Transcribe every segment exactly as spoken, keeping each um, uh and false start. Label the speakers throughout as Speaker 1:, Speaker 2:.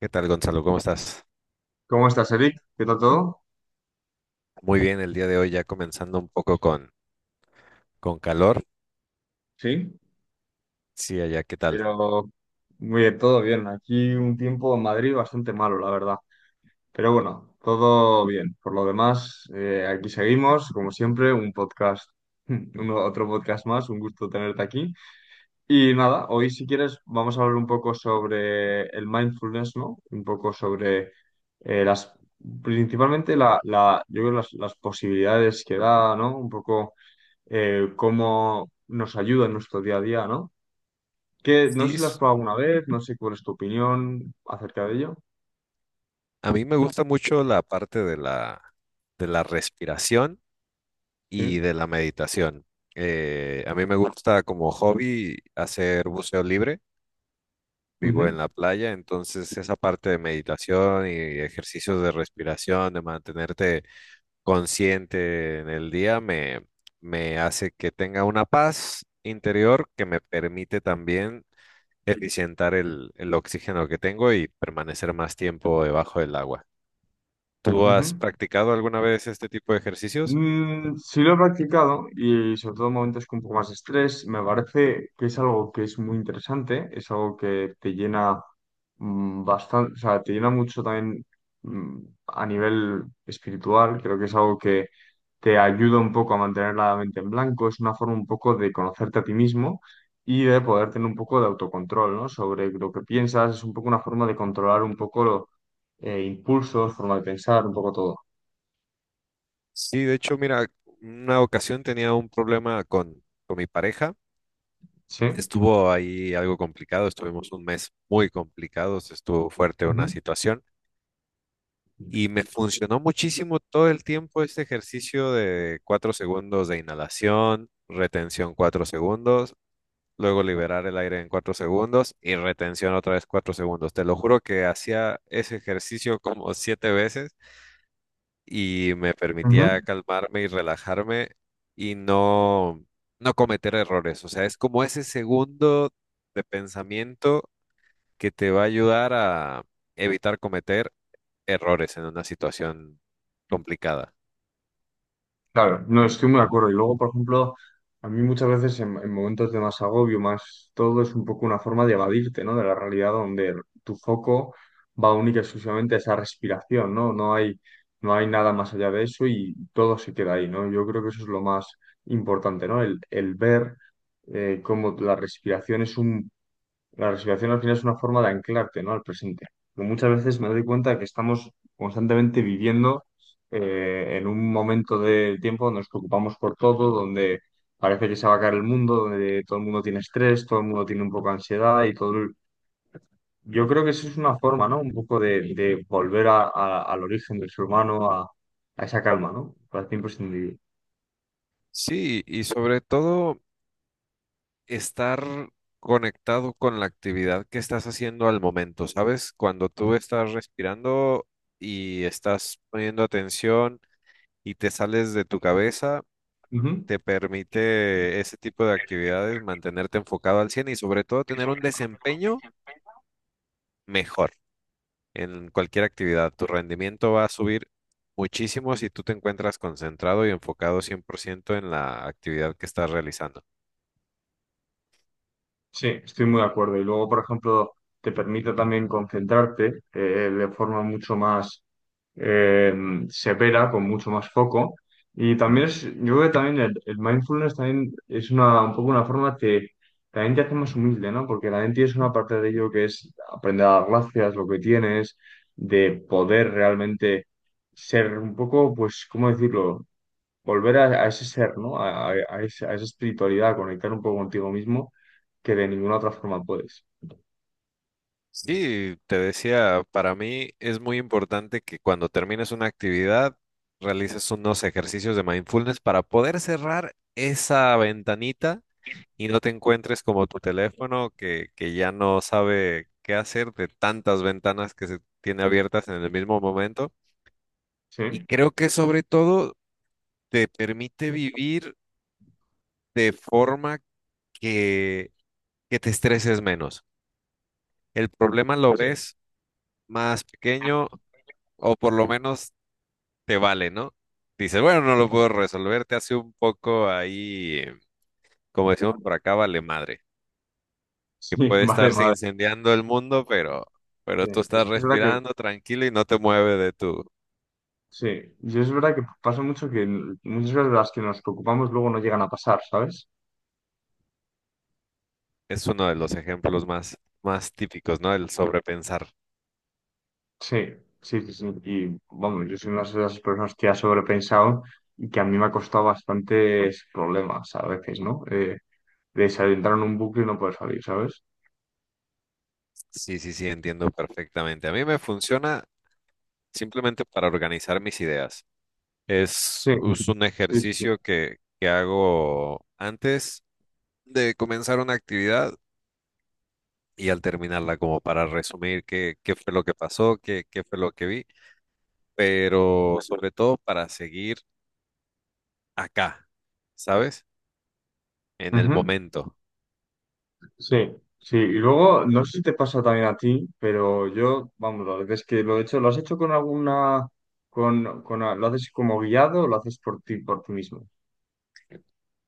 Speaker 1: ¿Qué tal, Gonzalo? ¿Cómo estás?
Speaker 2: ¿Cómo estás, Eric? ¿Qué tal todo?
Speaker 1: Muy bien, el día de hoy ya comenzando un poco con, con calor.
Speaker 2: Sí,
Speaker 1: Sí, allá, ¿qué tal?
Speaker 2: Pero muy bien, todo bien. Aquí un tiempo en Madrid bastante malo, la verdad. Pero bueno, todo bien. Por lo demás, eh, aquí seguimos, como siempre, un podcast, un- otro podcast más. Un gusto tenerte aquí. Y nada, hoy si quieres vamos a hablar un poco sobre el mindfulness, ¿no? Un poco sobre eh, las, principalmente la, la, yo creo las, las posibilidades que da, ¿no? Un poco eh, cómo nos ayuda en nuestro día a día, ¿no? Que no sé
Speaker 1: Sí,
Speaker 2: si lo has
Speaker 1: s-
Speaker 2: probado alguna vez, no sé cuál es tu opinión acerca de ello.
Speaker 1: a mí me gusta mucho la parte de la, de la respiración y
Speaker 2: Sí.
Speaker 1: de la meditación. Eh, a mí me gusta como hobby hacer buceo libre, vivo en
Speaker 2: Ujú,
Speaker 1: la playa, entonces esa parte de meditación y ejercicios de respiración, de mantenerte consciente en el día, me, me hace que tenga una paz interior que me permite también eficientar el, el oxígeno que tengo y permanecer más tiempo debajo del agua. ¿Tú has
Speaker 2: ujú.
Speaker 1: practicado alguna vez este tipo de ejercicios?
Speaker 2: Mm, sí lo he practicado y sobre todo en momentos con un poco más de estrés, me parece que es algo que es muy interesante, es algo que te llena bastante, o sea, te llena mucho también mm, a nivel espiritual, creo que es algo que te ayuda un poco a mantener la mente en blanco, es una forma un poco de conocerte a ti mismo y de poder tener un poco de autocontrol, ¿no? Sobre lo que piensas, es un poco una forma de controlar un poco los impulsos, forma de pensar, un poco todo.
Speaker 1: Sí, de hecho, mira, una ocasión tenía un problema con, con mi pareja.
Speaker 2: Sí.
Speaker 1: Estuvo ahí algo complicado, estuvimos un mes muy complicados, estuvo fuerte una
Speaker 2: Ujú.
Speaker 1: situación y me funcionó muchísimo todo el tiempo este ejercicio de cuatro segundos de inhalación, retención cuatro segundos luego liberar el aire en cuatro segundos y retención otra vez cuatro segundos. Te lo juro que hacía ese ejercicio como siete veces y me
Speaker 2: Ujú.
Speaker 1: permitía calmarme y relajarme y no, no cometer errores. O sea, es como ese segundo de pensamiento que te va a ayudar a evitar cometer errores en una situación complicada.
Speaker 2: Claro, no estoy muy de acuerdo. Y luego, por ejemplo, a mí muchas veces en, en momentos de más agobio, más todo es un poco una forma de evadirte, ¿no? De la realidad donde tu foco va única y exclusivamente a esa respiración, ¿no? No hay, no hay nada más allá de eso y todo se queda ahí, ¿no? Yo creo que eso es lo más importante, ¿no? El, el ver eh, cómo la respiración es un la respiración al final es una forma de anclarte, ¿no? Al presente. Pero muchas veces me doy cuenta que estamos constantemente viviendo eh, en un momento del tiempo donde nos preocupamos por todo, donde parece que se va a caer el mundo, donde todo el mundo tiene estrés, todo el mundo tiene un poco de ansiedad y todo. el- Yo creo que eso es una forma, ¿no? Un poco de, de volver a- a- al origen del ser humano, a, a esa calma, ¿no? Para ti sin
Speaker 1: Sí, y sobre todo, estar conectado con la actividad que estás haciendo al momento, ¿sabes? Cuando tú estás respirando y estás poniendo atención y te sales de tu cabeza,
Speaker 2: Ujú.
Speaker 1: te permite ese tipo de actividades mantenerte enfocado al cien y sobre todo tener un desempeño mejor en cualquier actividad. Tu rendimiento va a subir muchísimo si tú te encuentras concentrado y enfocado cien por ciento en la actividad que estás realizando.
Speaker 2: Sí, estoy muy de acuerdo. Y luego, por ejemplo, te permite también concentrarte eh, de forma mucho más eh, severa, con mucho más foco. Y también es, yo creo que también el, el mindfulness también es una, un poco una forma que también te hace más humilde, ¿no? Porque también tienes una parte de ello que es aprender a dar gracias, lo que tienes, de poder realmente ser un poco, pues, ¿cómo decirlo? Volver a, a ese ser, ¿no? A, a- a ese- a esa espiritualidad, a conectar un poco contigo mismo que de ninguna otra forma puedes.
Speaker 1: Sí, te decía, para mí es muy importante que cuando termines una actividad realices unos ejercicios de mindfulness para poder cerrar esa ventanita y no te encuentres como tu teléfono que, que ya no sabe qué hacer de tantas ventanas que se tiene abiertas en el mismo momento. Y
Speaker 2: ¿Sí?
Speaker 1: creo que sobre todo te permite vivir de forma que, que te estreses menos. El problema lo
Speaker 2: Sí.
Speaker 1: ves más pequeño o por lo menos te vale, ¿no? Dices, bueno, no lo puedo resolver, te hace un poco ahí, eh, como decimos por acá, vale madre, que
Speaker 2: Sí,
Speaker 1: puede
Speaker 2: vale,
Speaker 1: estarse
Speaker 2: madre.
Speaker 1: incendiando el mundo, pero, pero
Speaker 2: Sí,
Speaker 1: tú
Speaker 2: es
Speaker 1: estás
Speaker 2: que es verdad que,
Speaker 1: respirando tranquilo y no te mueve de tu...
Speaker 2: sí, y es verdad que pasa mucho que muchas veces las que nos preocupamos luego no llegan a pasar, ¿sabes?
Speaker 1: Es uno de los ejemplos más, más típicos, ¿no? El sobrepensar.
Speaker 2: Sí, sí, sí, sí. Y vamos, yo soy una de esas personas que ha sobrepensado y que a mí me ha costado bastantes problemas a veces, ¿no? Eh, de adentrar en un bucle y no poder salir, ¿sabes?
Speaker 1: Sí, sí, sí, entiendo perfectamente. A mí me funciona simplemente para organizar mis ideas. Es,
Speaker 2: Sí,
Speaker 1: es un
Speaker 2: sí, sí. Sí.
Speaker 1: ejercicio que, que hago antes de comenzar una actividad y al terminarla, como para resumir qué, qué fue lo que pasó, qué, qué fue lo que vi, pero sobre todo para seguir acá, ¿sabes? En el
Speaker 2: Ujú.
Speaker 1: momento.
Speaker 2: Sí, sí. Y luego, no sé si te pasa también a ti, pero yo, vamos, las veces que lo he hecho, ¿lo has hecho con alguna, con, con, a- lo haces como guiado o lo haces por ti, por ti mismo?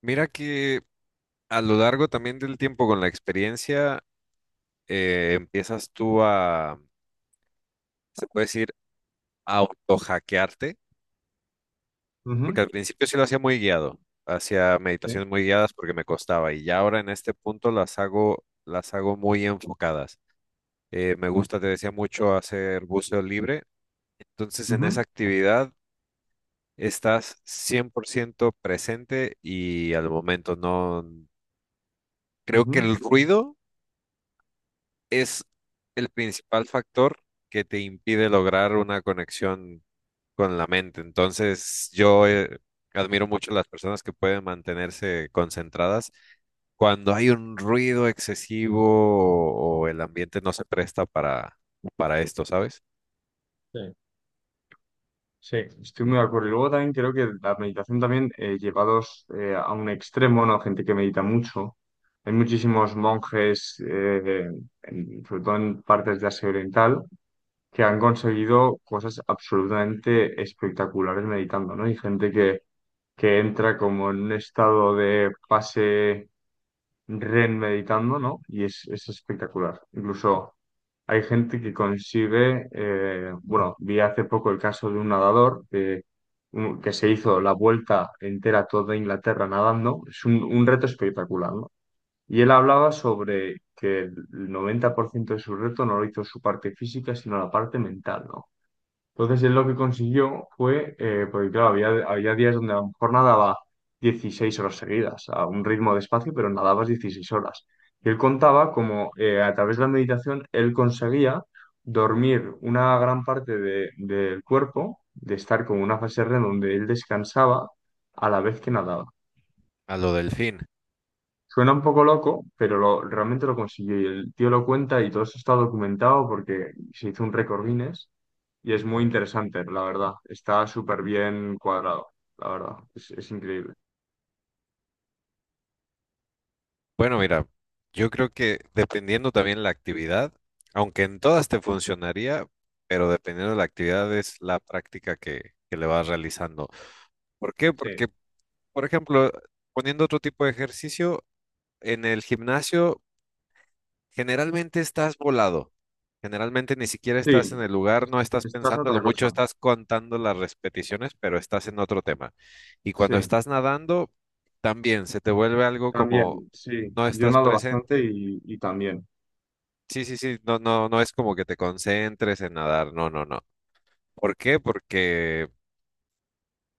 Speaker 1: Mira que a lo largo también del tiempo con la experiencia, eh, empiezas tú a, se puede decir, autohackearte,
Speaker 2: Ujú,
Speaker 1: porque al principio sí lo hacía muy guiado, hacía
Speaker 2: sí.
Speaker 1: meditaciones muy guiadas porque me costaba y ya ahora en este punto las hago, las hago muy enfocadas. Eh, me gusta, te decía mucho, hacer buceo libre. Entonces, en
Speaker 2: Ujú,
Speaker 1: esa actividad estás cien por ciento presente y al momento no... Creo
Speaker 2: ujú.
Speaker 1: que el ruido es el principal factor que te impide lograr una conexión con la mente. Entonces, yo eh, admiro mucho las personas que pueden mantenerse concentradas cuando hay un ruido excesivo o, o el ambiente no se presta para, para esto, ¿sabes?
Speaker 2: Sí. Sí, estoy muy de acuerdo. Y luego también creo que la meditación también eh, llevados eh, a un extremo, ¿no? Gente que medita mucho. Hay muchísimos monjes, eh, en- sobre todo en partes de Asia Oriental, que han conseguido cosas absolutamente espectaculares meditando, ¿no? Hay gente que, que entra como en un estado de pase R E M meditando, ¿no? Y es, es espectacular. Incluso hay gente que consigue, eh, bueno, vi hace poco el caso de un nadador que, un- que se hizo la vuelta entera a toda Inglaterra nadando. Es un, un reto espectacular, ¿no? Y él hablaba sobre que el noventa por ciento de su reto no lo hizo su parte física, sino la parte mental, ¿no? Entonces él lo que consiguió fue, eh, porque claro, había, había días donde a lo mejor nadaba dieciséis horas seguidas, a un ritmo despacio, pero nadabas dieciséis horas. Y él contaba como eh, a través de la meditación él conseguía dormir una gran parte de- del cuerpo, de estar con una fase R E M donde él descansaba a la vez que nadaba.
Speaker 1: A lo del fin.
Speaker 2: Suena un poco loco, pero lo, realmente lo consiguió y el tío lo cuenta y todo eso está documentado porque se hizo un récord Guinness y es muy interesante, la verdad. Está súper bien cuadrado, la verdad. Es, es increíble.
Speaker 1: Bueno, mira, yo creo que dependiendo también la actividad, aunque en todas te funcionaría, pero dependiendo de la actividad es la práctica que, que le vas realizando. ¿Por qué?
Speaker 2: Sí.
Speaker 1: Porque, por ejemplo, poniendo otro tipo de ejercicio, en el gimnasio generalmente estás volado. Generalmente ni siquiera
Speaker 2: Sí,
Speaker 1: estás en el lugar,
Speaker 2: es-
Speaker 1: no estás
Speaker 2: estás a
Speaker 1: pensando, lo
Speaker 2: otra
Speaker 1: mucho
Speaker 2: cosa.
Speaker 1: estás contando las repeticiones, pero estás en otro tema. Y cuando
Speaker 2: Sí,
Speaker 1: estás nadando, también se te vuelve algo como
Speaker 2: también, sí.
Speaker 1: no
Speaker 2: Yo
Speaker 1: estás
Speaker 2: nado bastante
Speaker 1: presente.
Speaker 2: y, y también.
Speaker 1: Sí, sí, sí, no, no, no es como que te concentres en nadar, no, no, no. ¿Por qué? Porque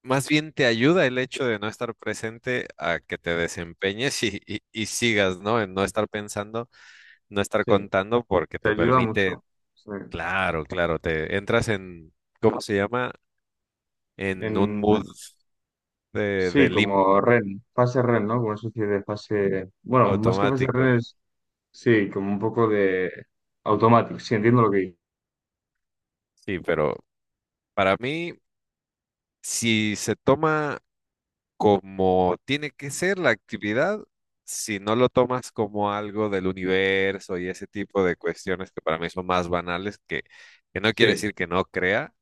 Speaker 1: más bien te ayuda el hecho de no estar presente a que te desempeñes y, y- y sigas, ¿no? En no estar pensando, no estar
Speaker 2: Sí,
Speaker 1: contando, porque
Speaker 2: te
Speaker 1: te
Speaker 2: ayuda
Speaker 1: permite,
Speaker 2: mucho. Sí.
Speaker 1: claro, claro, te entras en, ¿cómo se llama? En un mood
Speaker 2: En,
Speaker 1: de, de
Speaker 2: sí, como
Speaker 1: limbo
Speaker 2: R E N, fase R E N, ¿no? Como una especie de fase, bueno, más que fase
Speaker 1: automático.
Speaker 2: R E N es, sí, como un poco de automático, sí, entiendo lo que...
Speaker 1: Sí, pero para mí, si se toma como tiene que ser la actividad, si no lo tomas como algo del universo y ese tipo de cuestiones que para mí son más banales, que, que no quiere decir
Speaker 2: Sí,
Speaker 1: que no crea,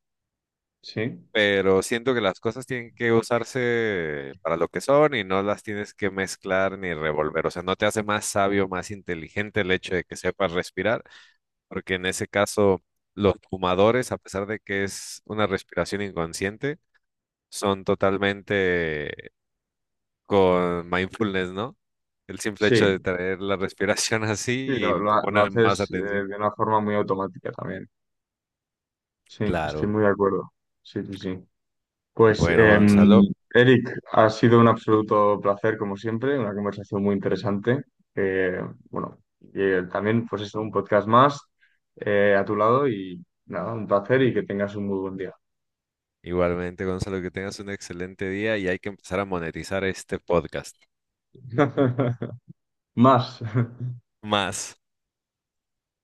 Speaker 2: sí,
Speaker 1: pero siento que las cosas tienen que usarse para lo que son y no las tienes que mezclar ni revolver. O sea, no te hace más sabio, más inteligente el hecho de que sepas respirar, porque en ese caso... Los fumadores, a pesar de que es una respiración inconsciente, son totalmente con mindfulness, ¿no? El simple hecho de
Speaker 2: sí,
Speaker 1: traer la respiración
Speaker 2: sí,
Speaker 1: así
Speaker 2: lo,
Speaker 1: y te
Speaker 2: lo- lo
Speaker 1: pone más
Speaker 2: haces eh,
Speaker 1: atención.
Speaker 2: de una forma muy automática también. Sí, estoy
Speaker 1: Claro.
Speaker 2: muy de acuerdo. Sí, sí, sí. Pues,
Speaker 1: Bueno,
Speaker 2: em,
Speaker 1: Gonzalo,
Speaker 2: Eric, ha sido un absoluto placer, como siempre, una conversación muy interesante. Eh, bueno, y, eh, también, pues, es un podcast más eh, a tu lado y nada, un placer y que tengas un muy buen día.
Speaker 1: igualmente, Gonzalo, que tengas un excelente día y hay que empezar a monetizar este podcast.
Speaker 2: Más.
Speaker 1: Más.